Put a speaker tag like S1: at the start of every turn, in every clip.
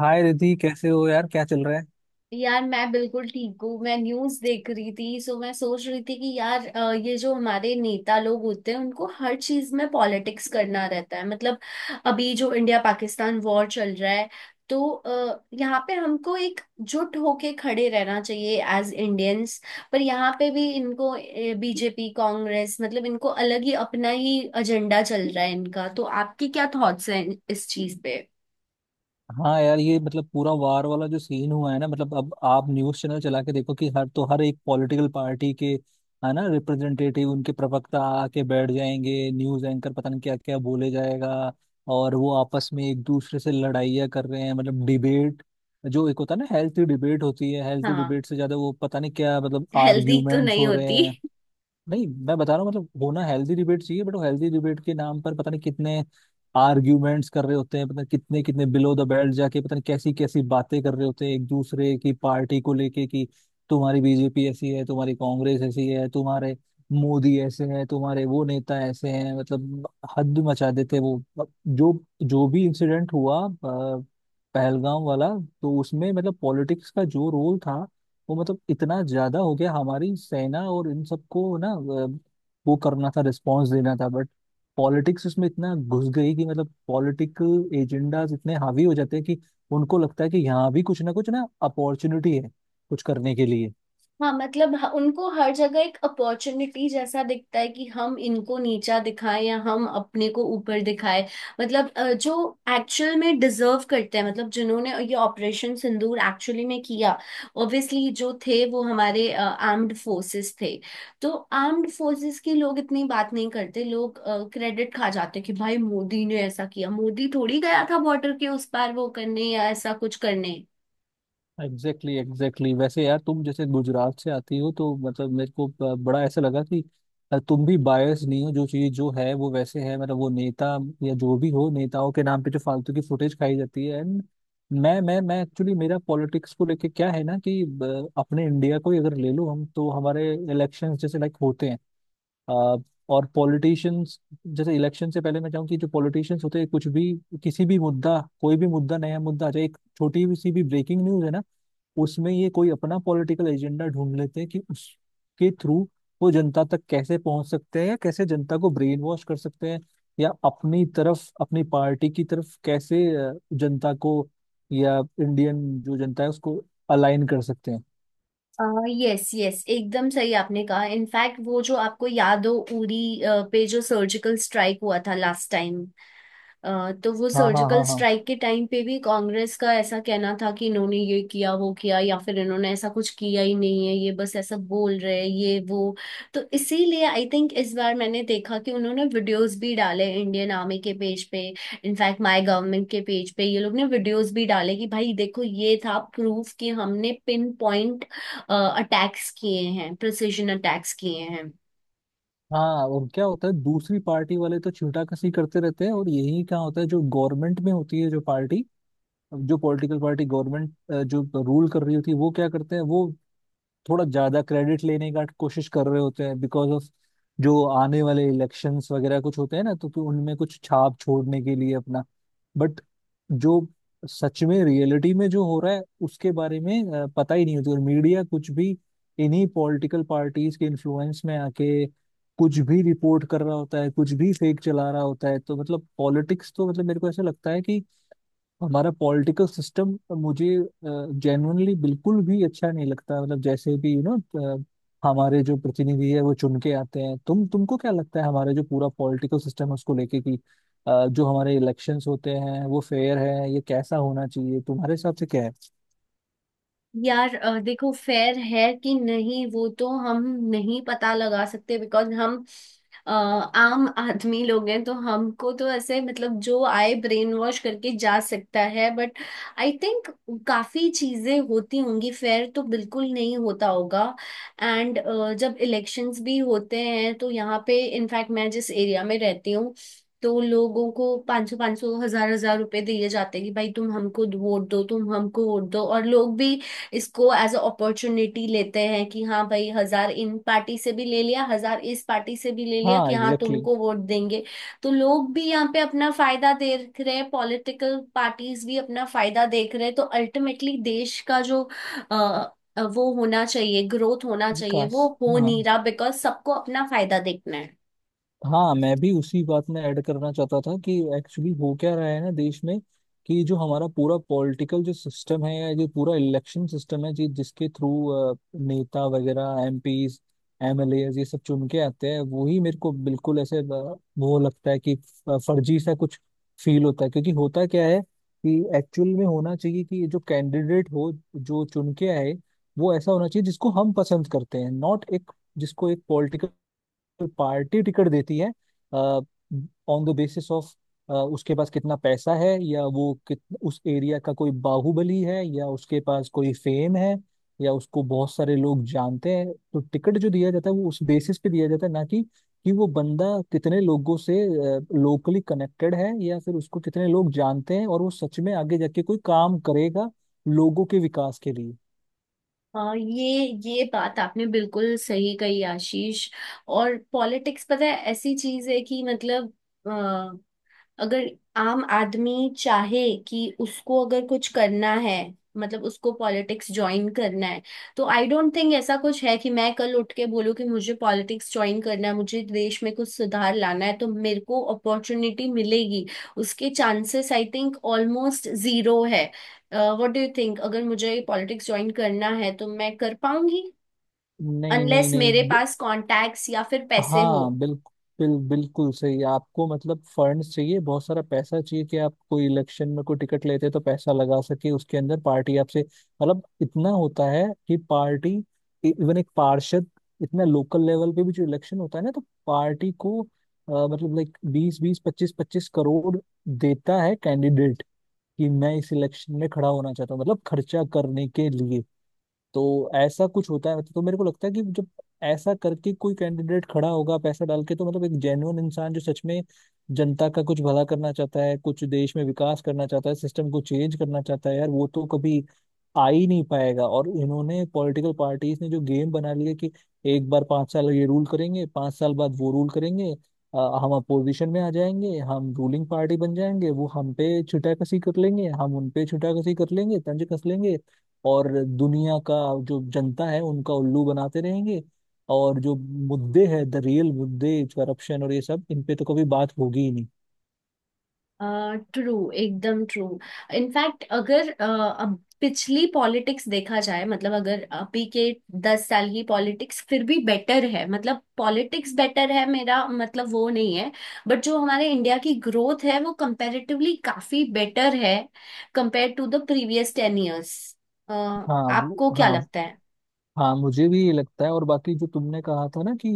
S1: हाय रिद्धि, कैसे हो यार? क्या चल रहा है?
S2: यार मैं बिल्कुल ठीक हूँ। मैं न्यूज देख रही थी सो मैं सोच रही थी कि यार ये जो हमारे नेता लोग होते हैं उनको हर चीज में पॉलिटिक्स करना रहता है। मतलब अभी जो इंडिया पाकिस्तान वॉर चल रहा है, तो यहाँ पे हमको एक जुट होके खड़े रहना चाहिए एज इंडियंस। पर यहाँ पे भी इनको बीजेपी कांग्रेस मतलब इनको अलग ही अपना ही एजेंडा चल रहा है इनका। तो आपकी क्या थॉट्स हैं इस चीज पे?
S1: हाँ यार, ये मतलब पूरा वार वाला जो सीन हुआ है ना, मतलब अब आप न्यूज़ चैनल चला के देखो कि हर एक पॉलिटिकल पार्टी के है ना, रिप्रेजेंटेटिव, उनके प्रवक्ता आके बैठ जाएंगे, न्यूज़ एंकर, पता नहीं क्या क्या बोले जाएगा। और वो आपस में एक दूसरे से लड़ाइयाँ कर रहे हैं, मतलब डिबेट जो एक होता है ना, हेल्थी डिबेट होती है, हेल्थी
S2: हाँ,
S1: डिबेट से ज्यादा वो पता नहीं क्या मतलब
S2: हेल्दी तो
S1: आर्ग्यूमेंट्स
S2: नहीं
S1: हो रहे
S2: होती।
S1: हैं। नहीं, मैं बता रहा हूँ, मतलब होना हेल्दी डिबेट चाहिए, बट वो हेल्दी डिबेट के नाम पर पता नहीं कितने आर्ग्यूमेंट्स कर रहे होते हैं, पता नहीं कितने कितने बिलो द बेल्ट जाके पता नहीं कैसी कैसी बातें कर रहे होते हैं एक दूसरे की पार्टी को लेके कि तुम्हारी बीजेपी ऐसी है, तुम्हारी कांग्रेस ऐसी है, तुम्हारे मोदी ऐसे हैं, तुम्हारे वो नेता ऐसे हैं, मतलब हद मचा देते हैं वो। अब जो जो भी इंसिडेंट हुआ, पहलगाम वाला, तो उसमें मतलब पॉलिटिक्स का जो रोल था वो मतलब इतना ज्यादा हो गया। हमारी सेना और इन सबको ना, वो करना था, रिस्पॉन्स देना था, बट पॉलिटिक्स इसमें इतना घुस गई कि मतलब पॉलिटिकल एजेंडाज इतने हावी हो जाते हैं कि उनको लगता है कि यहाँ भी कुछ ना अपॉर्चुनिटी है कुछ करने के लिए।
S2: हाँ मतलब उनको हर जगह एक अपॉर्चुनिटी जैसा दिखता है कि हम इनको नीचा दिखाएं या हम अपने को ऊपर दिखाएं। मतलब जो एक्चुअल में डिजर्व करते हैं मतलब जिन्होंने ये ऑपरेशन सिंदूर एक्चुअली में किया, ऑब्वियसली जो थे वो हमारे आर्म्ड फोर्सेस थे। तो आर्म्ड फोर्सेस के लोग इतनी बात नहीं करते। लोग क्रेडिट खा जाते कि भाई मोदी ने ऐसा किया, मोदी थोड़ी गया था बॉर्डर के उस पार वो करने या ऐसा कुछ करने।
S1: Exactly exactly, exactly exactly। वैसे यार, तुम जैसे गुजरात से आती हो तो मतलब मेरे को बड़ा ऐसा लगा कि तुम भी बायस नहीं हो, जो चीज जो है वो वैसे है, मतलब वो नेता या जो भी हो, नेताओं के नाम पे जो फालतू की फुटेज खाई जाती है। एंड मैं एक्चुअली, मेरा पॉलिटिक्स को लेके क्या है ना कि अपने इंडिया को ही अगर ले लो हम, तो हमारे इलेक्शंस जैसे लाइक होते हैं, अ, और पॉलिटिशियंस, जैसे इलेक्शन से पहले मैं चाहूँ कि जो पॉलिटिशियंस होते हैं, कुछ भी किसी भी मुद्दा, कोई भी मुद्दा, नया मुद्दा आ जाए, एक छोटी भी सी भी ब्रेकिंग न्यूज है ना, उसमें ये कोई अपना पॉलिटिकल एजेंडा ढूंढ लेते हैं कि उसके थ्रू वो जनता तक कैसे पहुंच सकते हैं, या कैसे जनता को ब्रेन वॉश कर सकते हैं, या अपनी तरफ, अपनी पार्टी की तरफ कैसे जनता को, या इंडियन जो जनता है उसको अलाइन कर सकते हैं।
S2: यस, यस, एकदम सही आपने कहा। इनफैक्ट वो जो आपको याद हो, उरी पे जो सर्जिकल स्ट्राइक हुआ था लास्ट टाइम, तो वो
S1: हाँ, हाँ,
S2: सर्जिकल
S1: हाँ, हाँ,
S2: स्ट्राइक के टाइम पे भी कांग्रेस का ऐसा कहना था कि इन्होंने ये किया वो किया या फिर इन्होंने ऐसा कुछ किया ही नहीं है, ये बस ऐसा बोल रहे हैं ये वो। तो इसीलिए आई थिंक इस बार मैंने देखा कि उन्होंने वीडियोस भी डाले इंडियन आर्मी के पेज पे। इनफैक्ट माय गवर्नमेंट के पेज पे ये लोग ने वीडियोस भी डाले कि भाई देखो ये था प्रूफ कि हमने पिन पॉइंट अटैक्स किए हैं, प्रिसिजन अटैक्स किए हैं।
S1: हाँ। और क्या होता है, दूसरी पार्टी वाले तो छींटा कसी करते रहते हैं, और यही क्या होता है, जो गवर्नमेंट में होती है जो पार्टी, जो पॉलिटिकल पार्टी गवर्नमेंट, जो रूल कर रही होती है, वो क्या करते हैं, वो थोड़ा ज्यादा क्रेडिट लेने का कोशिश कर रहे होते हैं, बिकॉज ऑफ जो आने वाले इलेक्शंस वगैरह कुछ होते हैं ना, तो कि उनमें कुछ छाप छोड़ने के लिए अपना, बट जो सच में रियलिटी में जो हो रहा है उसके बारे में पता ही नहीं होती, और मीडिया कुछ भी इन्हीं पॉलिटिकल पार्टीज के इन्फ्लुएंस में आके कुछ भी रिपोर्ट कर रहा होता है, कुछ भी फेक चला रहा होता है। तो मतलब पॉलिटिक्स तो मतलब मेरे को ऐसा लगता है कि हमारा पॉलिटिकल सिस्टम मुझे जेन्युइनली बिल्कुल भी अच्छा नहीं लगता, मतलब जैसे भी हमारे जो प्रतिनिधि है वो चुन के आते हैं। तुमको क्या लगता है हमारे जो पूरा पॉलिटिकल सिस्टम है उसको लेके कि जो हमारे इलेक्शंस होते हैं वो फेयर है? ये कैसा होना चाहिए, तुम्हारे हिसाब से क्या है?
S2: यार देखो फेयर है कि नहीं वो तो हम नहीं पता लगा सकते बिकॉज हम आम आदमी लोग हैं। तो हमको तो ऐसे मतलब जो आए ब्रेन वॉश करके जा सकता है। बट आई थिंक काफी चीजें होती होंगी, फेयर तो बिल्कुल नहीं होता होगा। एंड जब इलेक्शंस भी होते हैं तो यहाँ पे इनफैक्ट मैं जिस एरिया में रहती हूँ, तो लोगों को 500 500 1,000 1,000 रुपए दिए जाते हैं कि भाई तुम हमको वोट दो, तुम हमको वोट दो। और लोग भी इसको एज अ अपॉर्चुनिटी लेते हैं कि हाँ भाई, 1,000 इन पार्टी से भी ले लिया, 1,000 इस पार्टी से भी ले लिया कि
S1: हाँ
S2: हाँ
S1: एग्जैक्टली exactly।
S2: तुमको वोट देंगे। तो लोग भी यहाँ पे अपना फायदा देख रहे हैं, पॉलिटिकल पार्टीज भी अपना फायदा देख रहे हैं। तो अल्टीमेटली देश का जो अ, वो होना चाहिए, ग्रोथ होना चाहिए,
S1: विकास।
S2: वो हो नहीं
S1: हाँ,
S2: रहा बिकॉज सबको अपना फायदा देखना है।
S1: हाँ मैं भी उसी बात में ऐड करना चाहता था कि एक्चुअली हो क्या रहा है ना देश में, कि जो हमारा पूरा पॉलिटिकल जो सिस्टम है या जो पूरा इलेक्शन सिस्टम है जी, जिसके थ्रू नेता वगैरह एमपीज, एमएलए ये सब चुन के आते हैं, वही मेरे को बिल्कुल ऐसे वो लगता है कि फर्जी सा कुछ फील होता है। क्योंकि होता क्या है कि एक्चुअल में होना चाहिए कि जो कैंडिडेट हो, जो चुन के आए, वो ऐसा होना चाहिए जिसको हम पसंद करते हैं, नॉट एक जिसको एक पॉलिटिकल पार्टी टिकट देती है ऑन द बेसिस ऑफ उसके पास कितना पैसा है, या वो कित उस एरिया का कोई बाहुबली है, या उसके पास कोई फेम है, या उसको बहुत सारे लोग जानते हैं। तो टिकट जो दिया जाता है वो उस बेसिस पे दिया जाता है, ना कि वो बंदा कितने लोगों से लोकली कनेक्टेड है, या फिर उसको कितने लोग जानते हैं और वो सच में आगे जाके कोई काम करेगा लोगों के विकास के लिए।
S2: हाँ, ये बात आपने बिल्कुल सही कही आशीष। और पॉलिटिक्स पता है ऐसी चीज है कि मतलब अगर आम आदमी चाहे कि उसको अगर कुछ करना है मतलब उसको पॉलिटिक्स ज्वाइन करना है, तो आई डोंट थिंक ऐसा कुछ है कि मैं कल उठ के बोलूँ कि मुझे पॉलिटिक्स ज्वाइन करना है, मुझे देश में कुछ सुधार लाना है तो मेरे को अपॉर्चुनिटी मिलेगी। उसके chances I think almost zero है। व्हाट डू यू थिंक, अगर मुझे पॉलिटिक्स ज्वाइन करना है तो मैं कर पाऊंगी
S1: नहीं, नहीं,
S2: अनलेस
S1: नहीं।
S2: मेरे पास कॉन्टैक्ट्स या फिर पैसे हो?
S1: हाँ, बिल्कुल बिल्कुल सही। आपको मतलब फंड्स चाहिए, बहुत सारा पैसा चाहिए कि आप कोई इलेक्शन में कोई टिकट लेते हैं तो पैसा लगा सके, उसके अंदर पार्टी आपसे, मतलब इतना होता है कि पार्टी, इवन एक पार्षद, इतना लोकल लेवल पे भी जो इलेक्शन होता है ना, तो पार्टी को मतलब लाइक बीस बीस पच्चीस पच्चीस करोड़ देता है कैंडिडेट कि मैं इस इलेक्शन में खड़ा होना चाहता हूँ, मतलब खर्चा करने के लिए। तो ऐसा कुछ होता है, तो मेरे को लगता है कि जब ऐसा करके कोई कैंडिडेट खड़ा होगा पैसा डाल के, तो मतलब एक जेन्युइन इंसान जो सच में जनता का कुछ भला करना चाहता है, कुछ देश में विकास करना चाहता है, सिस्टम को चेंज करना चाहता है, यार वो तो कभी आ ही नहीं पाएगा। और इन्होंने पॉलिटिकल पार्टीज ने जो गेम बना लिया कि एक बार 5 साल ये रूल करेंगे, 5 साल बाद वो रूल करेंगे, अ, हम अपोजिशन में आ जाएंगे, हम रूलिंग पार्टी बन जाएंगे, वो हम पे छुटा कसी कर लेंगे, हम उन पे छुटा कसी कर लेंगे, तंज कस लेंगे और दुनिया का जो जनता है उनका उल्लू बनाते रहेंगे। और जो मुद्दे हैं द रियल मुद्दे, करप्शन और ये सब, इन पे तो कभी बात होगी ही नहीं।
S2: ट्रू, एकदम ट्रू। इनफैक्ट अगर अब पिछली पॉलिटिक्स देखा जाए, मतलब अगर अभी के 10 साल की पॉलिटिक्स फिर भी बेटर है। मतलब पॉलिटिक्स बेटर है, मेरा मतलब वो नहीं है, बट जो हमारे इंडिया की ग्रोथ है वो कंपैरेटिवली काफी बेटर है compare to the previous 10 years.
S1: हाँ वो,
S2: आपको क्या
S1: हाँ,
S2: लगता?
S1: हाँ मुझे भी ये लगता है। और बाकी जो तुमने कहा था ना कि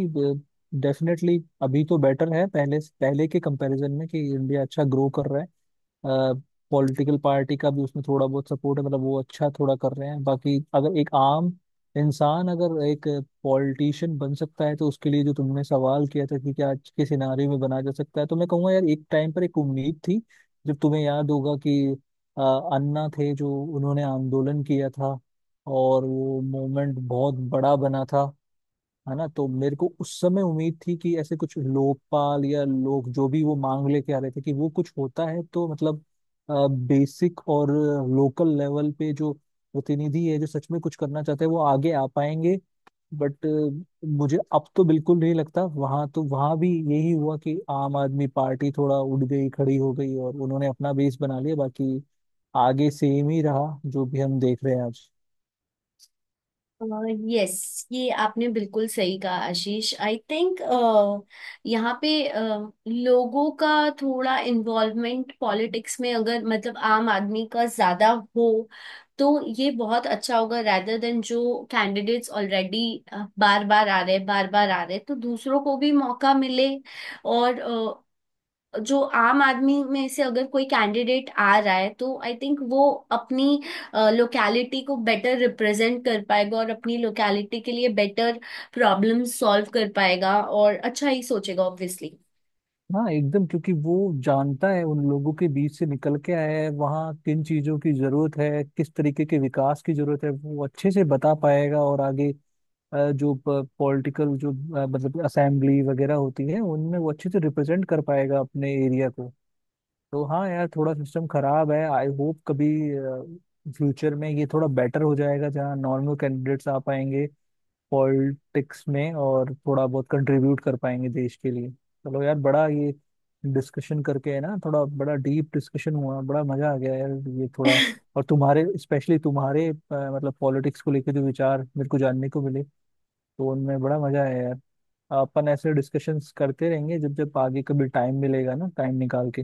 S1: डेफिनेटली अभी तो बेटर है पहले पहले के कंपैरिजन में, कि इंडिया अच्छा ग्रो कर रहा है, पॉलिटिकल पार्टी का भी उसमें थोड़ा बहुत सपोर्ट है, मतलब वो अच्छा थोड़ा कर रहे हैं। बाकी अगर एक आम इंसान अगर एक पॉलिटिशियन बन सकता है, तो उसके लिए जो तुमने सवाल किया था कि क्या आज के सिनारियो में बना जा सकता है, तो मैं कहूँगा यार, एक टाइम पर एक उम्मीद थी जब तुम्हें याद होगा कि अ, अन्ना थे जो उन्होंने आंदोलन किया था, और वो मोमेंट बहुत बड़ा बना था है ना। तो मेरे को उस समय उम्मीद थी कि ऐसे कुछ लोकपाल या लोग जो भी वो मांग लेके आ रहे थे कि वो कुछ होता है, तो मतलब बेसिक और लोकल लेवल पे जो प्रतिनिधि है जो सच में कुछ करना चाहते हैं, वो आगे आ पाएंगे। बट मुझे अब तो बिल्कुल नहीं लगता। वहां तो वहां भी यही हुआ कि आम आदमी पार्टी थोड़ा उठ गई, खड़ी हो गई और उन्होंने अपना बेस बना लिया, बाकी आगे सेम ही रहा जो भी हम देख रहे हैं आज।
S2: यस, ये आपने बिल्कुल सही कहा आशीष। आई थिंक यहाँ पे लोगों का थोड़ा इन्वॉल्वमेंट पॉलिटिक्स में अगर मतलब आम आदमी का ज्यादा हो, तो ये बहुत अच्छा होगा rather देन जो कैंडिडेट्स ऑलरेडी बार बार आ रहे, बार बार आ रहे, तो दूसरों को भी मौका मिले। और uh, जो आम आदमी में से अगर कोई कैंडिडेट आ रहा है तो आई थिंक वो अपनी लोकैलिटी को बेटर रिप्रेजेंट कर पाएगा और अपनी लोकैलिटी के लिए बेटर प्रॉब्लम सॉल्व कर पाएगा और अच्छा ही सोचेगा ऑब्वियसली।
S1: हाँ एकदम, क्योंकि वो जानता है, उन लोगों के बीच से निकल के आया है, वहाँ किन चीजों की जरूरत है, किस तरीके के विकास की जरूरत है वो अच्छे से बता पाएगा। और आगे जो पॉलिटिकल जो मतलब असेंबली वगैरह होती है, उनमें वो अच्छे से रिप्रेजेंट कर पाएगा अपने एरिया को। तो हाँ यार, थोड़ा सिस्टम खराब है, आई होप कभी फ्यूचर में ये थोड़ा बेटर हो जाएगा जहाँ नॉर्मल कैंडिडेट्स आ पाएंगे पॉलिटिक्स में और थोड़ा बहुत कंट्रीब्यूट कर पाएंगे देश के लिए। चलो यार, बड़ा ये डिस्कशन करके, है ना, थोड़ा बड़ा डीप डिस्कशन हुआ, बड़ा मजा आ गया यार। ये थोड़ा, और तुम्हारे स्पेशली तुम्हारे मतलब पॉलिटिक्स को लेकर जो विचार मेरे को जानने को मिले, तो उनमें बड़ा मजा आया यार। अपन ऐसे डिस्कशंस करते रहेंगे जब जब आगे कभी टाइम मिलेगा ना, टाइम निकाल के।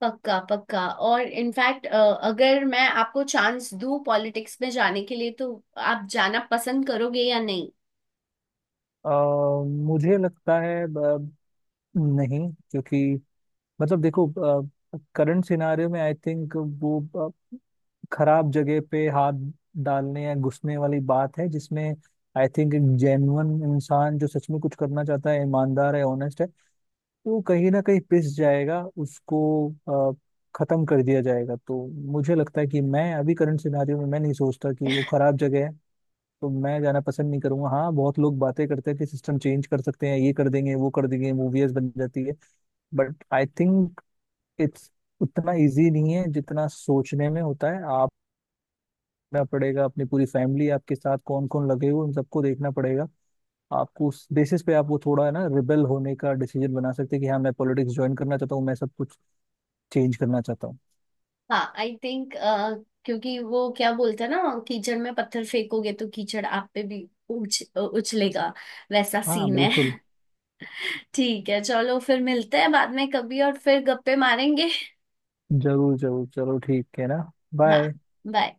S2: पक्का पक्का। और इनफैक्ट अगर मैं आपको चांस दूं पॉलिटिक्स में जाने के लिए, तो आप जाना पसंद करोगे या नहीं?
S1: अ, मुझे लगता है नहीं, क्योंकि मतलब देखो, करंट सिनारियो में आई थिंक वो खराब जगह पे हाथ डालने या घुसने वाली बात है, जिसमें आई थिंक एक जेन्युइन इंसान जो सच में कुछ करना चाहता है, ईमानदार है, ऑनेस्ट है, वो कहीं ना कहीं पिस जाएगा, उसको अ, खत्म कर दिया जाएगा। तो मुझे लगता है कि मैं अभी करंट सिनारियो में मैं नहीं सोचता कि वो खराब जगह है, तो मैं जाना पसंद नहीं करूंगा। हाँ, बहुत लोग बातें करते हैं कि सिस्टम चेंज कर सकते हैं, ये कर देंगे, वो कर देंगे, मूवीज बन जाती है, बट आई थिंक इट्स उतना इजी नहीं है जितना सोचने में होता है। आप देखना पड़ेगा अपनी पूरी फैमिली आपके साथ, कौन कौन लगे हुए, उन सबको देखना पड़ेगा आपको उस बेसिस पे। आप वो थोड़ा, है ना, रिबेल होने का डिसीजन बना सकते हैं कि हाँ मैं पॉलिटिक्स ज्वाइन करना चाहता हूँ, मैं सब कुछ चेंज करना चाहता हूँ।
S2: हाँ आई थिंक, क्योंकि वो क्या बोलते हैं ना, कीचड़ में पत्थर फेंकोगे तो कीचड़ आप पे भी उछ उछलेगा। वैसा
S1: हाँ
S2: सीन है।
S1: बिल्कुल।
S2: ठीक है, चलो फिर मिलते हैं बाद में कभी और फिर गप्पे मारेंगे।
S1: जरूर जरूर, चलो ठीक है ना।
S2: हाँ,
S1: बाय।
S2: bye।